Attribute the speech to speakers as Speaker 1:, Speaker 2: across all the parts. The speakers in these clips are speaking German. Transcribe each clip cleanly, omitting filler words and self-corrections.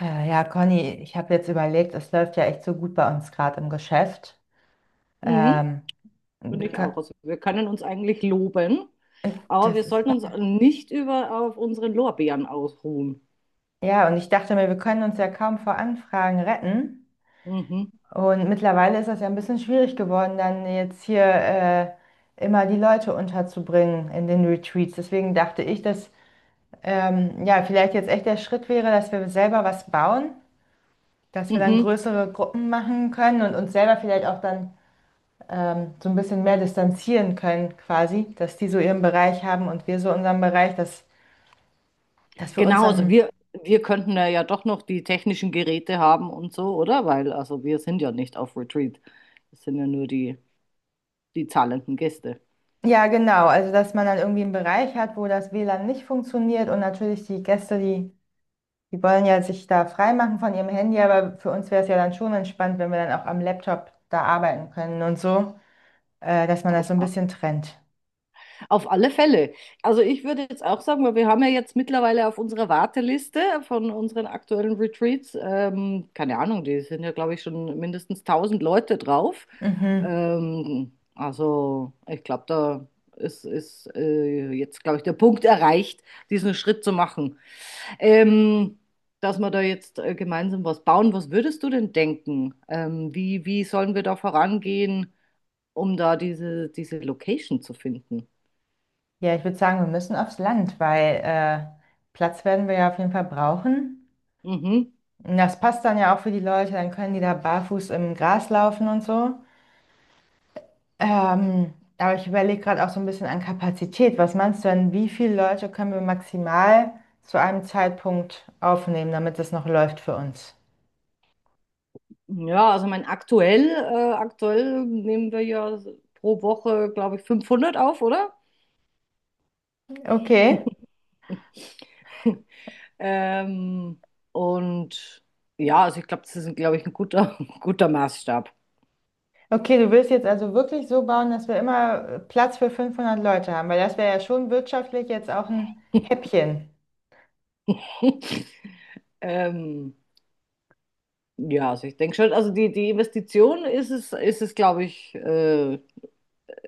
Speaker 1: Ja, Conny, ich habe jetzt überlegt, es läuft ja echt so gut bei uns gerade im Geschäft.
Speaker 2: Mhm,
Speaker 1: Ähm,
Speaker 2: finde
Speaker 1: wir
Speaker 2: ich auch.
Speaker 1: kö-
Speaker 2: Also wir können uns eigentlich loben,
Speaker 1: äh,
Speaker 2: aber
Speaker 1: Das
Speaker 2: wir
Speaker 1: ist
Speaker 2: sollten uns
Speaker 1: wahr.
Speaker 2: nicht über auf unseren Lorbeeren ausruhen.
Speaker 1: Ja, und ich dachte mir, wir können uns ja kaum vor Anfragen retten.
Speaker 2: Mhm,
Speaker 1: Und mittlerweile ist das ja ein bisschen schwierig geworden, dann jetzt hier immer die Leute unterzubringen in den Retreats. Deswegen dachte ich, dass ja vielleicht jetzt echt der Schritt wäre, dass wir selber was bauen, dass wir dann
Speaker 2: mhm.
Speaker 1: größere Gruppen machen können und uns selber vielleicht auch dann so ein bisschen mehr distanzieren können, quasi, dass die so ihren Bereich haben und wir so unseren Bereich, dass, dass wir uns
Speaker 2: Genau, also
Speaker 1: dann,
Speaker 2: wir könnten ja, ja doch noch die technischen Geräte haben und so, oder? Weil also wir sind ja nicht auf Retreat. Das sind ja nur die zahlenden Gäste.
Speaker 1: ja, genau, also dass man dann irgendwie einen Bereich hat, wo das WLAN nicht funktioniert und natürlich die Gäste, die wollen ja sich da freimachen von ihrem Handy, aber für uns wäre es ja dann schon entspannt, wenn wir dann auch am Laptop da arbeiten können und so, dass man das
Speaker 2: Auf,
Speaker 1: so ein bisschen trennt.
Speaker 2: Auf alle Fälle. Also ich würde jetzt auch sagen, weil wir haben ja jetzt mittlerweile auf unserer Warteliste von unseren aktuellen Retreats, keine Ahnung, die sind ja, glaube ich, schon mindestens 1.000 Leute drauf.
Speaker 1: Mhm.
Speaker 2: Also ich glaube, da ist, ist jetzt, glaube ich, der Punkt erreicht, diesen Schritt zu machen. Ähm, Dass wir da jetzt gemeinsam was bauen. Was würdest du denn denken? Wie, wie sollen wir da vorangehen, um da diese Location zu finden?
Speaker 1: Ja, ich würde sagen, wir müssen aufs Land, weil Platz werden wir ja auf jeden Fall brauchen.
Speaker 2: Mhm.
Speaker 1: Und das passt dann ja auch für die Leute, dann können die da barfuß im Gras laufen und so. Aber ich überlege gerade auch so ein bisschen an Kapazität. Was meinst du denn, wie viele Leute können wir maximal zu einem Zeitpunkt aufnehmen, damit das noch läuft für uns?
Speaker 2: Ja, also mein aktuell, aktuell nehmen wir ja pro Woche, glaube ich, 500 auf, oder?
Speaker 1: Okay.
Speaker 2: Ähm, und ja, also ich glaube, das ist, glaube ich, ein guter, guter Maßstab.
Speaker 1: Okay, du willst jetzt also wirklich so bauen, dass wir immer Platz für 500 Leute haben, weil das wäre ja schon wirtschaftlich jetzt auch ein Häppchen.
Speaker 2: Ähm, ja, also ich denke schon, also die Investition ist es, glaube ich,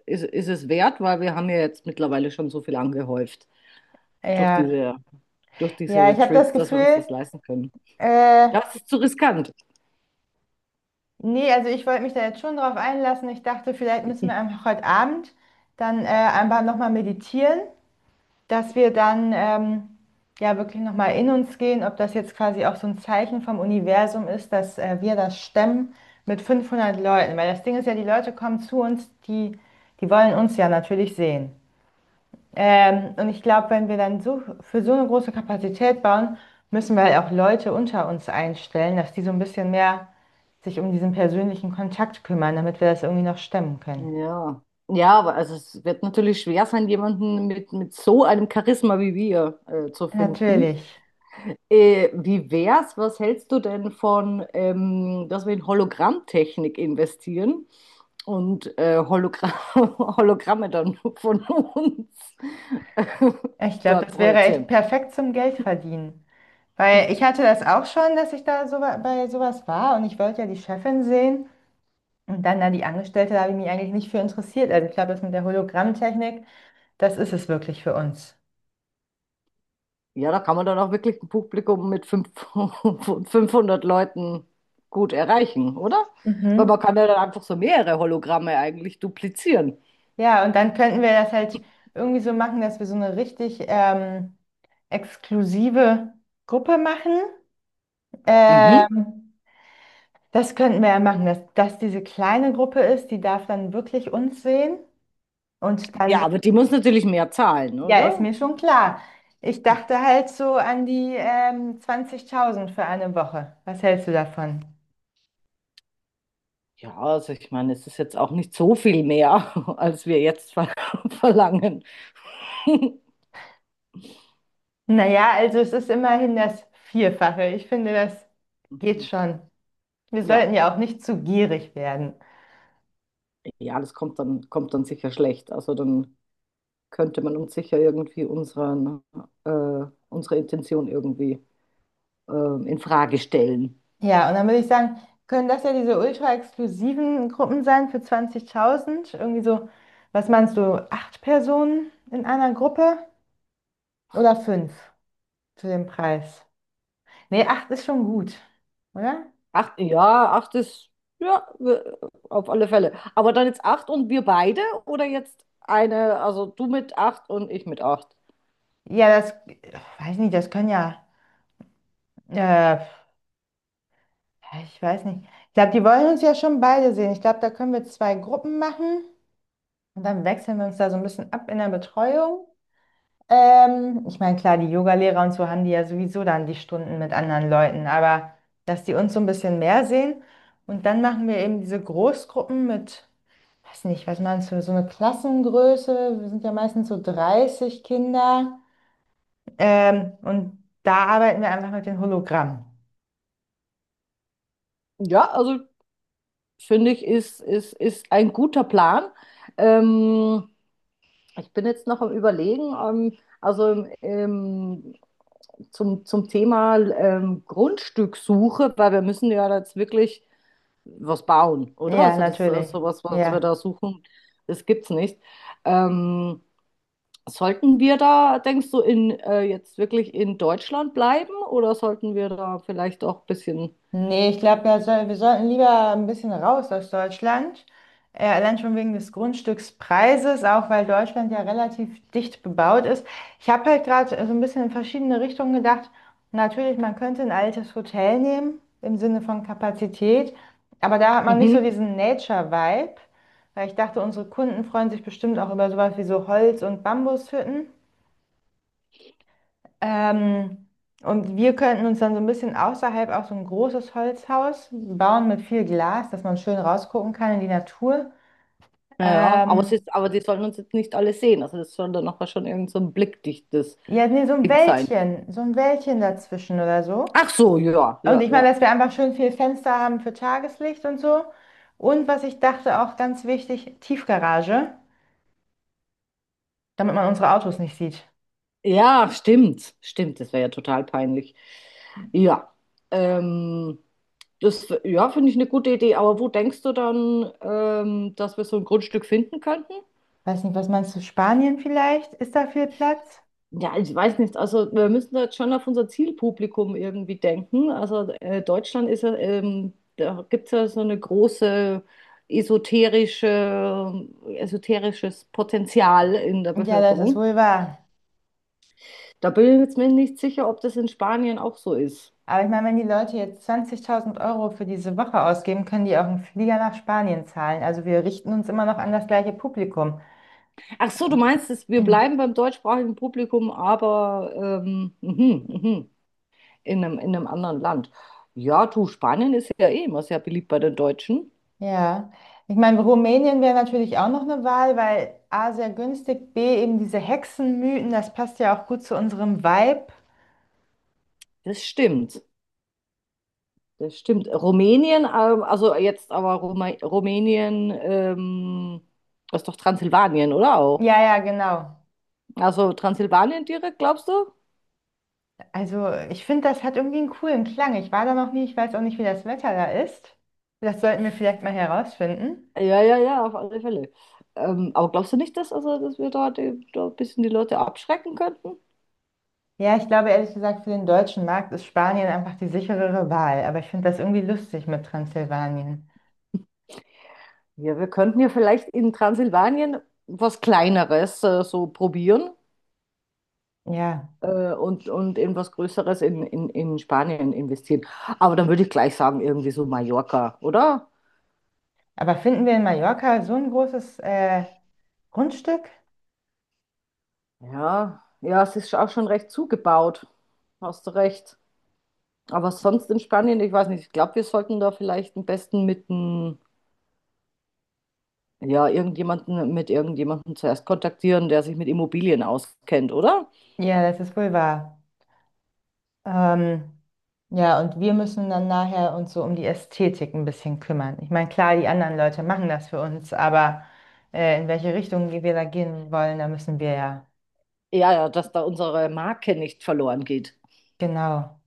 Speaker 2: ist, ist es wert, weil wir haben ja jetzt mittlerweile schon so viel angehäuft durch
Speaker 1: Ja,
Speaker 2: durch diese
Speaker 1: ja, ich habe das
Speaker 2: Retreats, dass wir uns
Speaker 1: Gefühl,
Speaker 2: das leisten können.
Speaker 1: äh,
Speaker 2: Das ist zu riskant.
Speaker 1: Nee, also ich wollte mich da jetzt schon drauf einlassen. Ich dachte, vielleicht müssen wir einfach heute Abend dann einfach nochmal meditieren, dass wir dann ja wirklich nochmal in uns gehen, ob das jetzt quasi auch so ein Zeichen vom Universum ist, dass wir das stemmen mit 500 Leuten. Weil das Ding ist ja, die Leute kommen zu uns, die wollen uns ja natürlich sehen. Und ich glaube, wenn wir dann so für so eine große Kapazität bauen, müssen wir halt auch Leute unter uns einstellen, dass die so ein bisschen mehr sich um diesen persönlichen Kontakt kümmern, damit wir das irgendwie noch stemmen können.
Speaker 2: Ja. Ja, aber also es wird natürlich schwer sein, jemanden mit so einem Charisma wie wir zu finden.
Speaker 1: Natürlich.
Speaker 2: Wie wär's? Was hältst du denn von, dass wir in Hologrammtechnik investieren und Hologra Hologramme dann von uns
Speaker 1: Ich glaube,
Speaker 2: dort
Speaker 1: das wäre echt
Speaker 2: projizieren?
Speaker 1: perfekt zum Geldverdienen. Weil ich hatte das auch schon, dass ich da bei sowas war und ich wollte ja die Chefin sehen. Und dann da die Angestellte, da habe ich mich eigentlich nicht für interessiert. Also ich glaube, das mit der Hologrammtechnik, das ist es wirklich für uns.
Speaker 2: Ja, da kann man dann auch wirklich ein Publikum mit fünf- 500 Leuten gut erreichen, oder? Weil man
Speaker 1: Mhm.
Speaker 2: kann ja dann einfach so mehrere Hologramme eigentlich duplizieren.
Speaker 1: Ja, und dann könnten wir das halt irgendwie so machen, dass wir so eine richtig exklusive Gruppe machen.
Speaker 2: Mhm.
Speaker 1: Ähm, Das könnten wir ja machen, dass das diese kleine Gruppe ist, die darf dann wirklich uns sehen. Und
Speaker 2: Ja,
Speaker 1: dann,
Speaker 2: aber die muss natürlich mehr zahlen,
Speaker 1: ja, ist
Speaker 2: oder?
Speaker 1: mir schon klar. Ich dachte halt so an die 20.000 für eine Woche. Was hältst du davon?
Speaker 2: Ja, also ich meine, es ist jetzt auch nicht so viel mehr, als wir jetzt ver verlangen.
Speaker 1: Naja, also es ist immerhin das Vierfache. Ich finde, das geht
Speaker 2: Mhm.
Speaker 1: schon. Wir
Speaker 2: Ja,
Speaker 1: sollten ja auch nicht zu gierig werden.
Speaker 2: ja, das kommt dann sicher schlecht. Also dann könnte man uns sicher irgendwie unseren, unsere Intention irgendwie in Frage stellen.
Speaker 1: Ja, und dann würde ich sagen, können das ja diese ultra-exklusiven Gruppen sein für 20.000. Irgendwie so, was meinst du, acht Personen in einer Gruppe oder fünf zu dem Preis? Nee, acht ist schon gut, oder?
Speaker 2: Acht, ja, acht ist, ja, wir- auf alle Fälle. Aber dann jetzt acht und wir beide oder jetzt eine, also du mit acht und ich mit acht?
Speaker 1: Ja, das, weiß nicht, das können ja, äh, ich weiß nicht. Ich glaube, die wollen uns ja schon beide sehen. Ich glaube, da können wir zwei Gruppen machen und dann wechseln wir uns da so ein bisschen ab in der Betreuung. Ich meine, klar, die Yogalehrer und so haben die ja sowieso dann die Stunden mit anderen Leuten, aber dass die uns so ein bisschen mehr sehen und dann machen wir eben diese Großgruppen mit, weiß nicht, was meinst du, so eine Klassengröße, wir sind ja meistens so 30 Kinder und da arbeiten wir einfach mit den Hologrammen.
Speaker 2: Ja, also finde ich, ist ein guter Plan. Ähm, ich bin jetzt noch am Überlegen, also zum, zum Thema Grundstückssuche, weil wir müssen ja jetzt wirklich was bauen, oder?
Speaker 1: Ja,
Speaker 2: Also das
Speaker 1: natürlich.
Speaker 2: sowas, was wir da
Speaker 1: Ja.
Speaker 2: suchen, das gibt's nicht. Ähm, sollten wir da, denkst du, in, jetzt wirklich in Deutschland bleiben oder sollten wir da vielleicht auch ein bisschen...
Speaker 1: Nee, ich glaube, wir sollten lieber ein bisschen raus aus Deutschland. Allein schon wegen des Grundstückspreises, auch weil Deutschland ja relativ dicht bebaut ist. Ich habe halt gerade so ein bisschen in verschiedene Richtungen gedacht. Natürlich, man könnte ein altes Hotel nehmen, im Sinne von Kapazität, aber da hat man nicht so
Speaker 2: mhm.
Speaker 1: diesen Nature-Vibe, weil ich dachte, unsere Kunden freuen sich bestimmt auch über sowas wie so Holz- und Bambushütten. Ähm, und wir könnten uns dann so ein bisschen außerhalb auch so ein großes Holzhaus bauen mit viel Glas, dass man schön rausgucken kann in die Natur.
Speaker 2: Ja, ja, aber es
Speaker 1: Ähm,
Speaker 2: ist, aber die sollen uns jetzt nicht alle sehen. Also das soll dann nachher schon irgend so ein blickdichtes
Speaker 1: ja, nee,
Speaker 2: Ding sein.
Speaker 1: So ein Wäldchen dazwischen oder so.
Speaker 2: Ach so, ja,
Speaker 1: Und
Speaker 2: ja,
Speaker 1: ich meine,
Speaker 2: ja.
Speaker 1: dass wir einfach schön viel Fenster haben für Tageslicht und so. Und was ich dachte, auch ganz wichtig, Tiefgarage, damit man unsere Autos nicht sieht.
Speaker 2: Ja, stimmt. Stimmt, das wäre ja total peinlich. Ja. Ähm, das, ja, finde ich eine gute Idee. Aber wo denkst du dann, dass wir so ein Grundstück finden könnten?
Speaker 1: Weiß nicht, was meinst du, Spanien vielleicht? Ist da viel Platz?
Speaker 2: Ja, ich weiß nicht. Also wir müssen da jetzt schon auf unser Zielpublikum irgendwie denken. Also Deutschland ist ja, da gibt es ja so eine große esoterische, esoterisches Potenzial in der
Speaker 1: Ja, das ist
Speaker 2: Bevölkerung.
Speaker 1: wohl wahr.
Speaker 2: Da bin ich jetzt mir nicht sicher, ob das in Spanien auch so ist.
Speaker 1: Aber ich meine, wenn die Leute jetzt 20.000 € für diese Woche ausgeben, können die auch einen Flieger nach Spanien zahlen. Also wir richten uns immer noch an das gleiche Publikum.
Speaker 2: Ach so, du meinst, dass wir bleiben beim deutschsprachigen Publikum, aber mhm, mhm, in in einem anderen Land. Ja, du, Spanien ist ja eh immer sehr beliebt bei den Deutschen.
Speaker 1: Ja, ich meine, Rumänien wäre natürlich auch noch eine Wahl, weil A, sehr günstig, B, eben diese Hexenmythen, das passt ja auch gut zu unserem Vibe.
Speaker 2: Das stimmt. Das stimmt. Rumänien, also jetzt aber Ruma Rumänien, das ist doch Transsilvanien, oder
Speaker 1: Ja,
Speaker 2: auch?
Speaker 1: ja, genau.
Speaker 2: Also Transsilvanien direkt, glaubst du?
Speaker 1: Also ich finde, das hat irgendwie einen coolen Klang. Ich war da noch nie, ich weiß auch nicht, wie das Wetter da ist. Das sollten wir vielleicht mal herausfinden.
Speaker 2: Ja, ja, ja, auf alle Fälle. Aber glaubst du nicht, dass, also, dass wir da, da ein bisschen die Leute abschrecken könnten?
Speaker 1: Ja, ich glaube ehrlich gesagt, für den deutschen Markt ist Spanien einfach die sicherere Wahl. Aber ich finde das irgendwie lustig mit Transsilvanien.
Speaker 2: Ja, wir könnten ja vielleicht in Transsilvanien was Kleineres so probieren
Speaker 1: Ja,
Speaker 2: und in was Größeres in Spanien investieren. Aber dann würde ich gleich sagen, irgendwie so Mallorca, oder?
Speaker 1: aber finden wir in Mallorca so ein großes Grundstück?
Speaker 2: Ja, ja, es ist auch schon recht zugebaut. Hast du recht. Aber sonst in Spanien, ich weiß nicht, ich glaube, wir sollten da vielleicht am besten mit n- ja, irgendjemanden, mit irgendjemanden zuerst kontaktieren, der sich mit Immobilien auskennt, oder?
Speaker 1: Ja, das ist wohl wahr. Ähm, ja, und wir müssen dann nachher uns so um die Ästhetik ein bisschen kümmern. Ich meine, klar, die anderen Leute machen das für uns, aber in welche Richtung wir da gehen wollen, da müssen wir ja.
Speaker 2: Ja, ja, dass da unsere Marke nicht verloren geht.
Speaker 1: Genau.